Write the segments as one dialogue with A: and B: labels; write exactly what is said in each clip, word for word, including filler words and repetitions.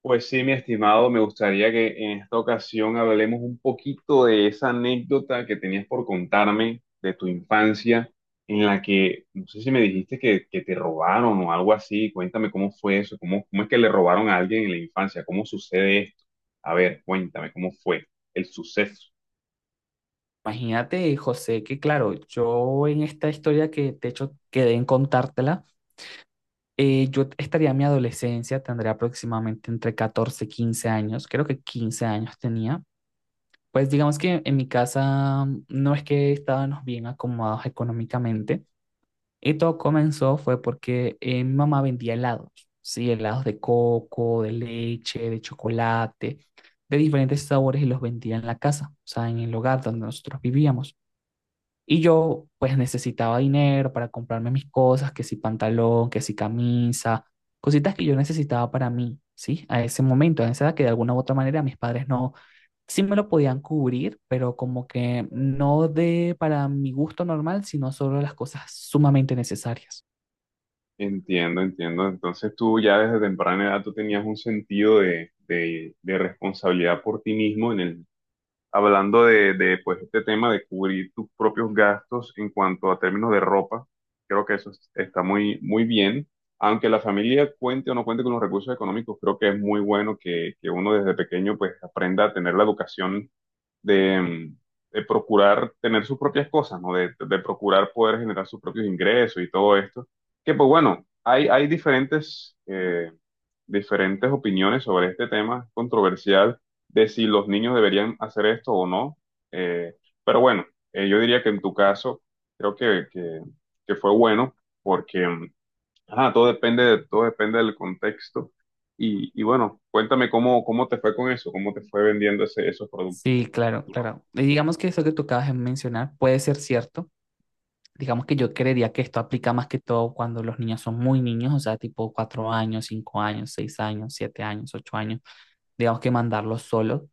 A: Pues sí, mi estimado, me gustaría que en esta ocasión hablemos un poquito de esa anécdota que tenías por contarme de tu infancia, en la que, no sé si me dijiste que, que te robaron o algo así. Cuéntame cómo fue eso, cómo, cómo es que le robaron a alguien en la infancia, cómo sucede esto. A ver, cuéntame cómo fue el suceso.
B: Imagínate, José, que claro, yo en esta historia que de hecho quedé en contártela, eh, yo estaría en mi adolescencia, tendría aproximadamente entre catorce y quince años, creo que quince años tenía. Pues digamos que en mi casa mm, no es que estábamos bien acomodados económicamente, y todo comenzó fue porque eh, mi mamá vendía helados, sí, helados de coco, de leche, de chocolate, de diferentes sabores y los vendía en la casa, o sea, en el hogar donde nosotros vivíamos. Y yo pues necesitaba dinero para comprarme mis cosas, que si pantalón, que si camisa, cositas que yo necesitaba para mí, ¿sí? A ese momento, a esa edad que de alguna u otra manera mis padres no, sí me lo podían cubrir, pero como que no de para mi gusto normal, sino solo las cosas sumamente necesarias.
A: Entiendo, entiendo. Entonces tú ya desde temprana edad tú tenías un sentido de, de, de responsabilidad por ti mismo en el hablando de, de, pues, este tema de cubrir tus propios gastos en cuanto a términos de ropa. Creo que eso es- está muy, muy bien. Aunque la familia cuente o no cuente con los recursos económicos, creo que es muy bueno que, que uno desde pequeño pues aprenda a tener la educación de, mm, de procurar tener sus propias cosas, ¿no? De, de procurar poder generar sus propios ingresos y todo esto. Que pues bueno, hay, hay diferentes, eh, diferentes opiniones sobre este tema controversial de si los niños deberían hacer esto o no. Eh, pero bueno, eh, yo diría que en tu caso, creo que, que, que fue bueno, porque mm, ajá, todo depende, de- todo depende del contexto. Y, y bueno, cuéntame cómo, cómo te fue con eso, cómo te fue vendiendo ese, esos productos,
B: Sí, claro,
A: Arturo.
B: claro. Y digamos que eso que tú acabas de mencionar puede ser cierto. Digamos que yo creería que esto aplica más que todo cuando los niños son muy niños, o sea, tipo cuatro años, cinco años, seis años, siete años, ocho años, digamos que mandarlos solo.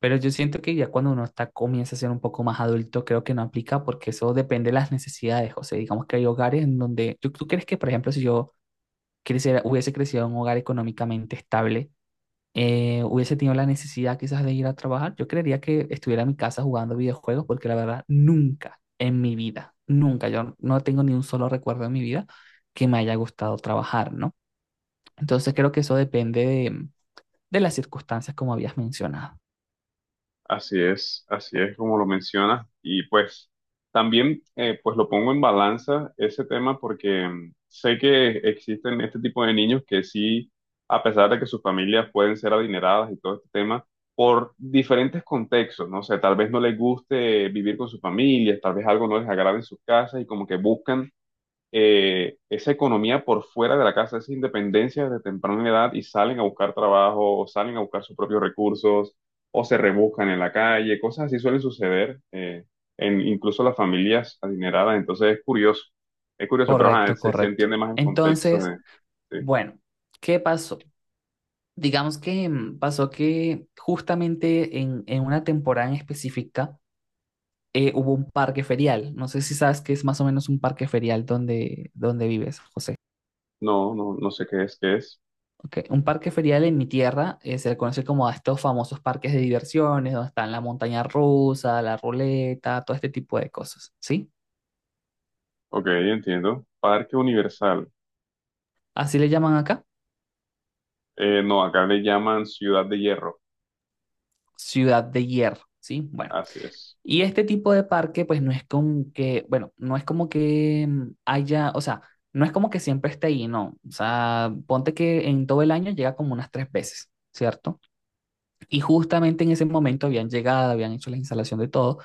B: Pero yo siento que ya cuando uno está, comienza a ser un poco más adulto, creo que no aplica porque eso depende de las necesidades. O sea, digamos que hay hogares en donde, ¿tú, tú crees que, por ejemplo, si yo creciera- hubiese crecido en un hogar económicamente estable, eh, hubiese tenido la necesidad quizás de ir a trabajar? Yo creería que estuviera en mi casa jugando videojuegos porque la verdad, nunca en mi vida, nunca, yo no tengo ni un solo recuerdo en mi vida que me haya gustado trabajar, ¿no? Entonces creo que eso depende de de las circunstancias como habías mencionado.
A: Así es, así es como lo mencionas. Y pues también eh, pues lo pongo en balanza ese tema porque mm, sé que existen este tipo de niños que sí, a pesar de que sus familias pueden ser adineradas y todo este tema, por diferentes contextos, no sé, tal vez no les guste vivir con sus familias, tal vez algo no les agrade en sus casas y como que buscan eh, esa economía por fuera de la casa, esa independencia desde temprana edad y salen a buscar trabajo o salen a buscar sus propios recursos o se rebuscan en la calle, cosas así suelen suceder eh, en incluso las familias adineradas, entonces es curioso, es curioso, pero ajá,
B: Correcto,
A: se, se
B: correcto.
A: entiende más el contexto
B: Entonces,
A: de, de-
B: bueno, ¿qué pasó? Digamos que mm, pasó que justamente en, en una temporada en específica eh, hubo un parque ferial. No sé si sabes qué es más o menos un parque ferial donde, donde vives, José.
A: no, no, no sé qué es, qué es,
B: Ok, un parque ferial en mi tierra eh, se le conoce como a estos famosos parques de diversiones, donde están la montaña rusa, la ruleta, todo este tipo de cosas, ¿sí?
A: ok, entiendo, Parque Universal.
B: Así le llaman acá,
A: Eh, no, acá le llaman Ciudad de Hierro,
B: Ciudad de Hierro, ¿sí? Bueno.
A: así es.
B: Y este tipo de parque, pues no es como que, bueno, no es como que mm, haya, o sea, no es como que siempre esté ahí, no. O sea, ponte que en todo el año llega como unas tres veces, ¿cierto? Y justamente en ese momento habían llegado, habían hecho la instalación de todo,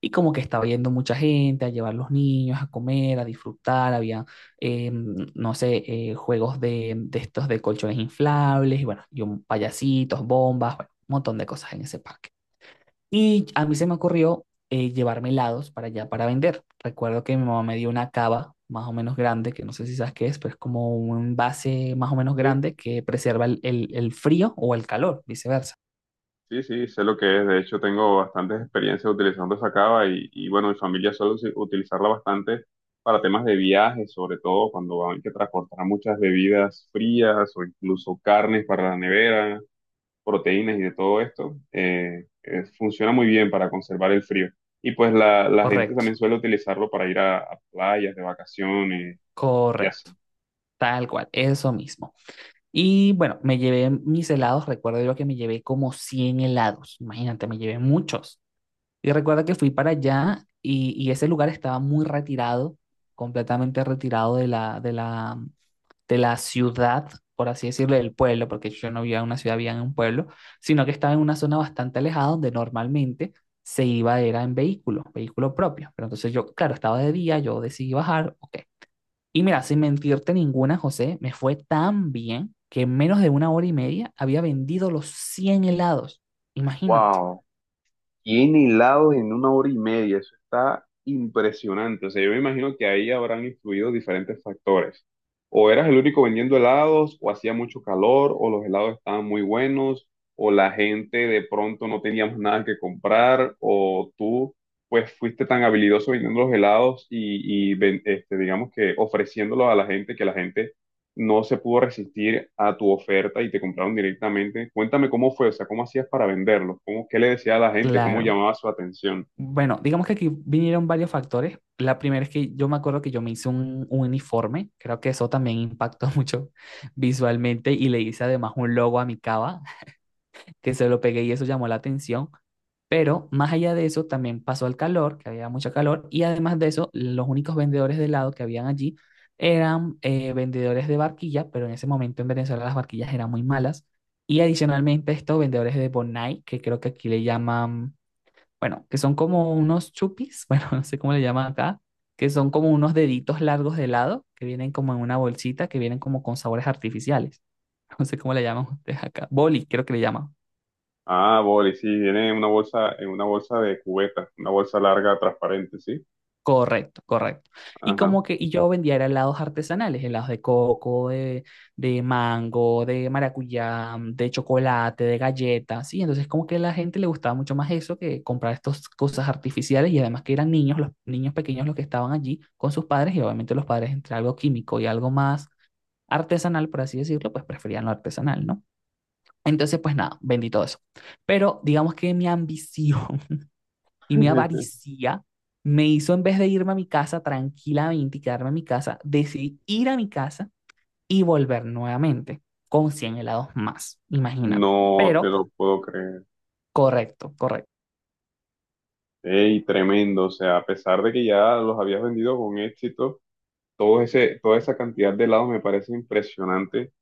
B: y como que estaba yendo mucha gente a llevar los niños a comer, a disfrutar, había, eh, mm, no sé, eh, juegos de, de estos de colchones inflables, y bueno, y un- payasitos, bombas, bueno, un montón de cosas en ese parque. Y a mí se me ocurrió eh, llevarme helados para allá para vender. Recuerdo que mi mamá me dio una cava más o menos grande, que no sé si sabes qué es, pero es como un envase más o menos
A: Sí.
B: grande que preserva el, el- el frío o el calor, viceversa.
A: Sí, sí, sé lo que es. De hecho, tengo bastantes experiencias utilizando esa cava y, y, bueno, mi familia suele usi- utilizarla bastante para temas de viaje, sobre todo cuando hay que transportar muchas bebidas frías o incluso carnes para la nevera, proteínas y de todo esto. Eh, eh, funciona muy bien para conservar el frío. Y pues la, la gente
B: Correcto,
A: también suele utilizarlo para ir a, a playas de vacaciones y así.
B: correcto, tal cual, eso mismo. Y bueno, me llevé mis helados, recuerdo yo que me llevé como cien helados, imagínate, me llevé muchos. Y recuerdo que fui para allá y, y ese lugar estaba muy retirado, completamente retirado de la, de la, de la ciudad, por así decirlo, del pueblo, porque yo no vivía en una ciudad, vivía en un pueblo, sino que estaba en una zona bastante alejada donde normalmente se iba era en vehículo, vehículo propio. Pero entonces yo, claro, estaba de día, yo decidí bajar, ok. Y mira, sin mentirte ninguna, José, me fue tan bien que en menos de una hora y media había vendido los cien helados. Imagínate.
A: Wow. cien helados en una hora y media, eso está impresionante. O sea, yo me imagino que ahí habrán influido diferentes factores. O eras el único vendiendo helados, o hacía mucho calor, o los helados estaban muy buenos, o la gente de pronto no teníamos nada que comprar, o tú pues fuiste tan habilidoso vendiendo los helados y, y ven- este, digamos que ofreciéndolos a la gente, que la gente no se pudo resistir a tu oferta y te compraron directamente. Cuéntame cómo fue, o sea, cómo hacías para venderlos, cómo, qué le decía a la gente, cómo
B: Claro,
A: llamaba su atención.
B: bueno, digamos que aquí vinieron varios factores. La primera es que yo me acuerdo que yo me hice un, un uniforme, creo que eso también impactó mucho visualmente y le hice además un logo a mi cava, que se lo pegué y eso llamó la atención. Pero más allá de eso, también pasó el calor, que había mucho calor, y además de eso, los únicos vendedores de helado que habían allí eran eh, vendedores de barquilla, pero en ese momento en Venezuela las barquillas eran muy malas. Y adicionalmente estos vendedores de Bonai, que creo que aquí le llaman bueno, que son como unos chupis, bueno, no sé cómo le llaman acá, que son como unos deditos largos de helado que vienen como en una bolsita, que vienen como con sabores artificiales. No sé cómo le llaman ustedes acá. Boli, creo que le llaman.
A: Ah, boli, sí, viene en una bolsa, en una bolsa de cubeta, una bolsa larga, transparente, sí.
B: Correcto, correcto. Y
A: Ajá.
B: como que y yo vendía era helados artesanales, helados de coco, de, de mango, de maracuyá, mm, de chocolate, de galletas, ¿sí? Entonces como que a la gente le gustaba mucho más eso que comprar estas cosas artificiales y además que eran niños, los niños pequeños los que estaban allí con sus padres y obviamente los padres entre algo químico y algo más artesanal, por así decirlo, pues preferían lo artesanal, ¿no? Entonces, pues nada, vendí todo eso. Pero digamos que mi ambición y mi avaricia me hizo, en vez de irme a mi casa tranquilamente y quedarme en mi casa, decidí ir a mi casa y volver nuevamente con cien helados más, imagínate.
A: No te
B: Pero,
A: lo puedo creer.
B: correcto, correcto.
A: Ey, tremendo, o sea, a pesar de que ya los habías vendido con éxito, todo ese, toda esa cantidad de helados me parece impresionante,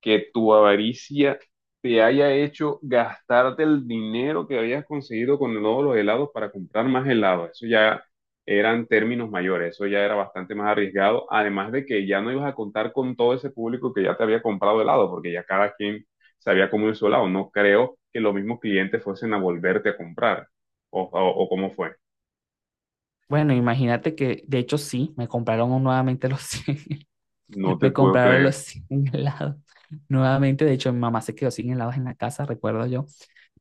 A: que tu avaricia te haya hecho gastarte el dinero que habías conseguido con todos los helados para comprar más helados. Eso ya eran términos mayores, eso ya era bastante más arriesgado, además de que ya no ibas a contar con todo ese público que ya te había comprado helado, porque ya cada quien sabía cómo ir su helado. No creo que los mismos clientes fuesen a volverte a comprar, o, o, o cómo fue.
B: Bueno, imagínate que, de hecho, sí, me compraron nuevamente los cien,
A: No te
B: me
A: puedo
B: compraron los
A: creer.
B: cien helados. Nuevamente, de hecho, mi mamá se quedó sin helados en la casa, recuerdo yo.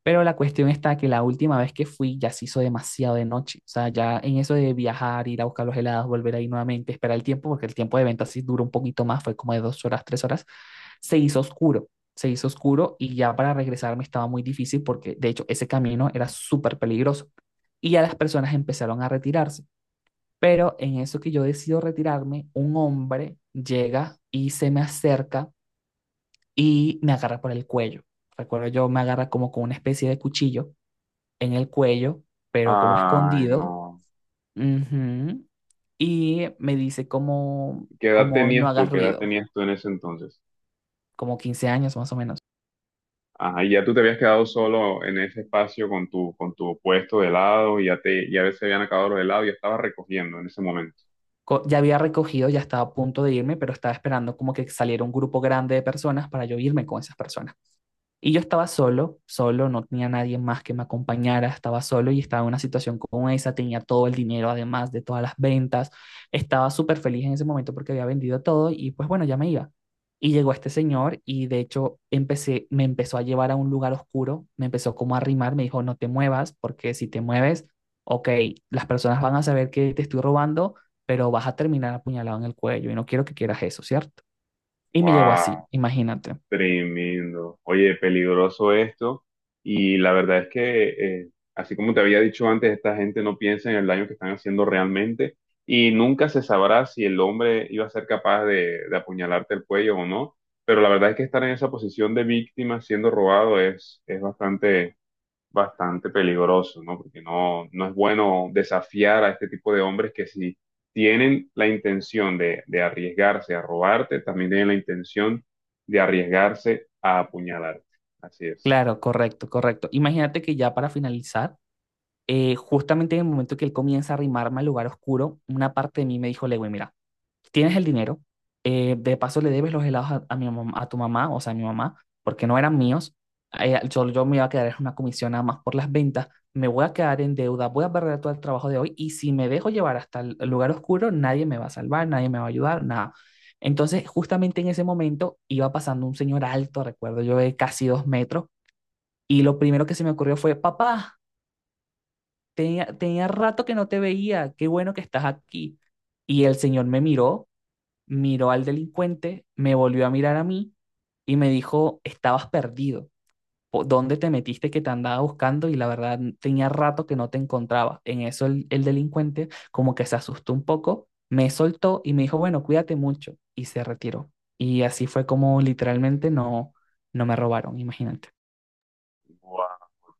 B: Pero la cuestión está que la última vez que fui ya se hizo demasiado de noche. O sea, ya en eso de viajar, ir a buscar los helados, volver ahí nuevamente, esperar el tiempo, porque el tiempo de venta sí duró un poquito más, fue como de dos horas, tres horas, se hizo oscuro. Se hizo oscuro y ya para regresarme estaba muy difícil porque de hecho ese camino era súper peligroso. Y ya las personas empezaron a retirarse. Pero en eso que yo decido retirarme, un hombre llega y se me acerca y me agarra por el cuello. Recuerdo yo, me agarra como con una especie de cuchillo en el cuello, pero como
A: Ay,
B: escondido.
A: no.
B: Ujú. Y me dice como,
A: ¿Qué edad
B: como no
A: tenías tú?
B: hagas
A: ¿Qué edad
B: ruido,
A: tenías tú en ese entonces?
B: como quince años más o menos.
A: Ajá, y ya tú te habías quedado solo en ese espacio con tu, con tu puesto de helado, y ya te, ya se habían acabado los helados y estabas recogiendo en ese momento.
B: Co- Ya había recogido, ya estaba a punto de irme, pero estaba esperando como que saliera un grupo grande de personas para yo irme con esas personas. Y yo estaba solo, solo, no tenía nadie más que me acompañara, estaba solo y estaba en una situación como esa, tenía todo el dinero además de todas las ventas, estaba súper feliz en ese momento porque había vendido todo y pues bueno, ya me iba. Y llegó este señor y de hecho empecé, me empezó a llevar a un lugar oscuro, me empezó como a arrimar, me dijo, no te muevas porque si te mueves, ok, las personas van a saber que te estoy robando, pero vas a terminar apuñalado en el cuello y no quiero que quieras eso, ¿cierto? Y me llevó
A: ¡Wow!
B: así, imagínate.
A: Tremendo. Oye, peligroso esto. Y la verdad es que, eh, así como te había dicho antes, esta gente no piensa en el daño que están haciendo realmente. Y nunca se sabrá si el hombre iba a ser capaz de, de apuñalarte el cuello o no. Pero la verdad es que estar en esa posición de víctima siendo robado es, es bastante bastante peligroso, ¿no? Porque no, no es bueno desafiar a este tipo de hombres que si tienen la intención de, de arriesgarse a robarte, también tienen la intención de arriesgarse a apuñalarte. Así es.
B: Claro, correcto, correcto. Imagínate que ya para finalizar, eh, justamente en el momento que él comienza a arrimarme al lugar oscuro, una parte de mí me dijo, Lewin, mira, tienes el dinero, eh, de paso le debes los helados a, a mi mam- a tu mamá, o sea, a mi mamá, porque no eran míos, eh, yo, yo me iba a quedar en una comisión nada más por las ventas, me voy a quedar en deuda, voy a perder todo el trabajo de hoy y si me dejo llevar hasta el el lugar oscuro, nadie me va a salvar, nadie me va a ayudar, nada. Entonces, justamente en ese momento iba pasando un señor alto, recuerdo yo, de casi dos metros y lo primero que se me ocurrió fue, papá, tenía, tenía rato que no te veía, qué bueno que estás aquí. Y el señor me miró, miró al delincuente, me volvió a mirar a mí y me dijo, estabas perdido, ¿Po- ¿dónde te metiste que te andaba buscando? Y la verdad, tenía rato que no te encontraba. En eso el, el delincuente como que se asustó un poco, me soltó y me dijo, bueno, cuídate mucho. Y se retiró. Y así fue como literalmente no, no me robaron, imagínate.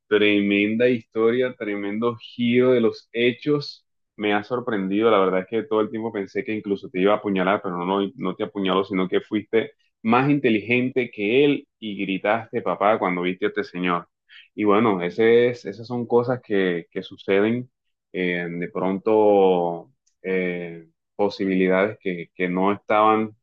A: Tremenda historia, tremendo giro de los hechos. Me ha sorprendido, la verdad es que todo el tiempo pensé que incluso te iba a apuñalar, pero no, no no te apuñaló, sino que fuiste más inteligente que él y gritaste papá cuando viste a este señor. Y bueno, ese es- esas son cosas que, que suceden, eh, de pronto eh, posibilidades que, que no estaban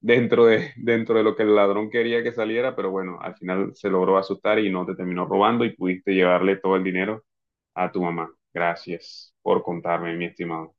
A: dentro de, dentro de lo que el ladrón quería que saliera, pero bueno, al final se logró asustar y no te terminó robando y pudiste llevarle todo el dinero a tu mamá. Gracias por contarme, mi estimado.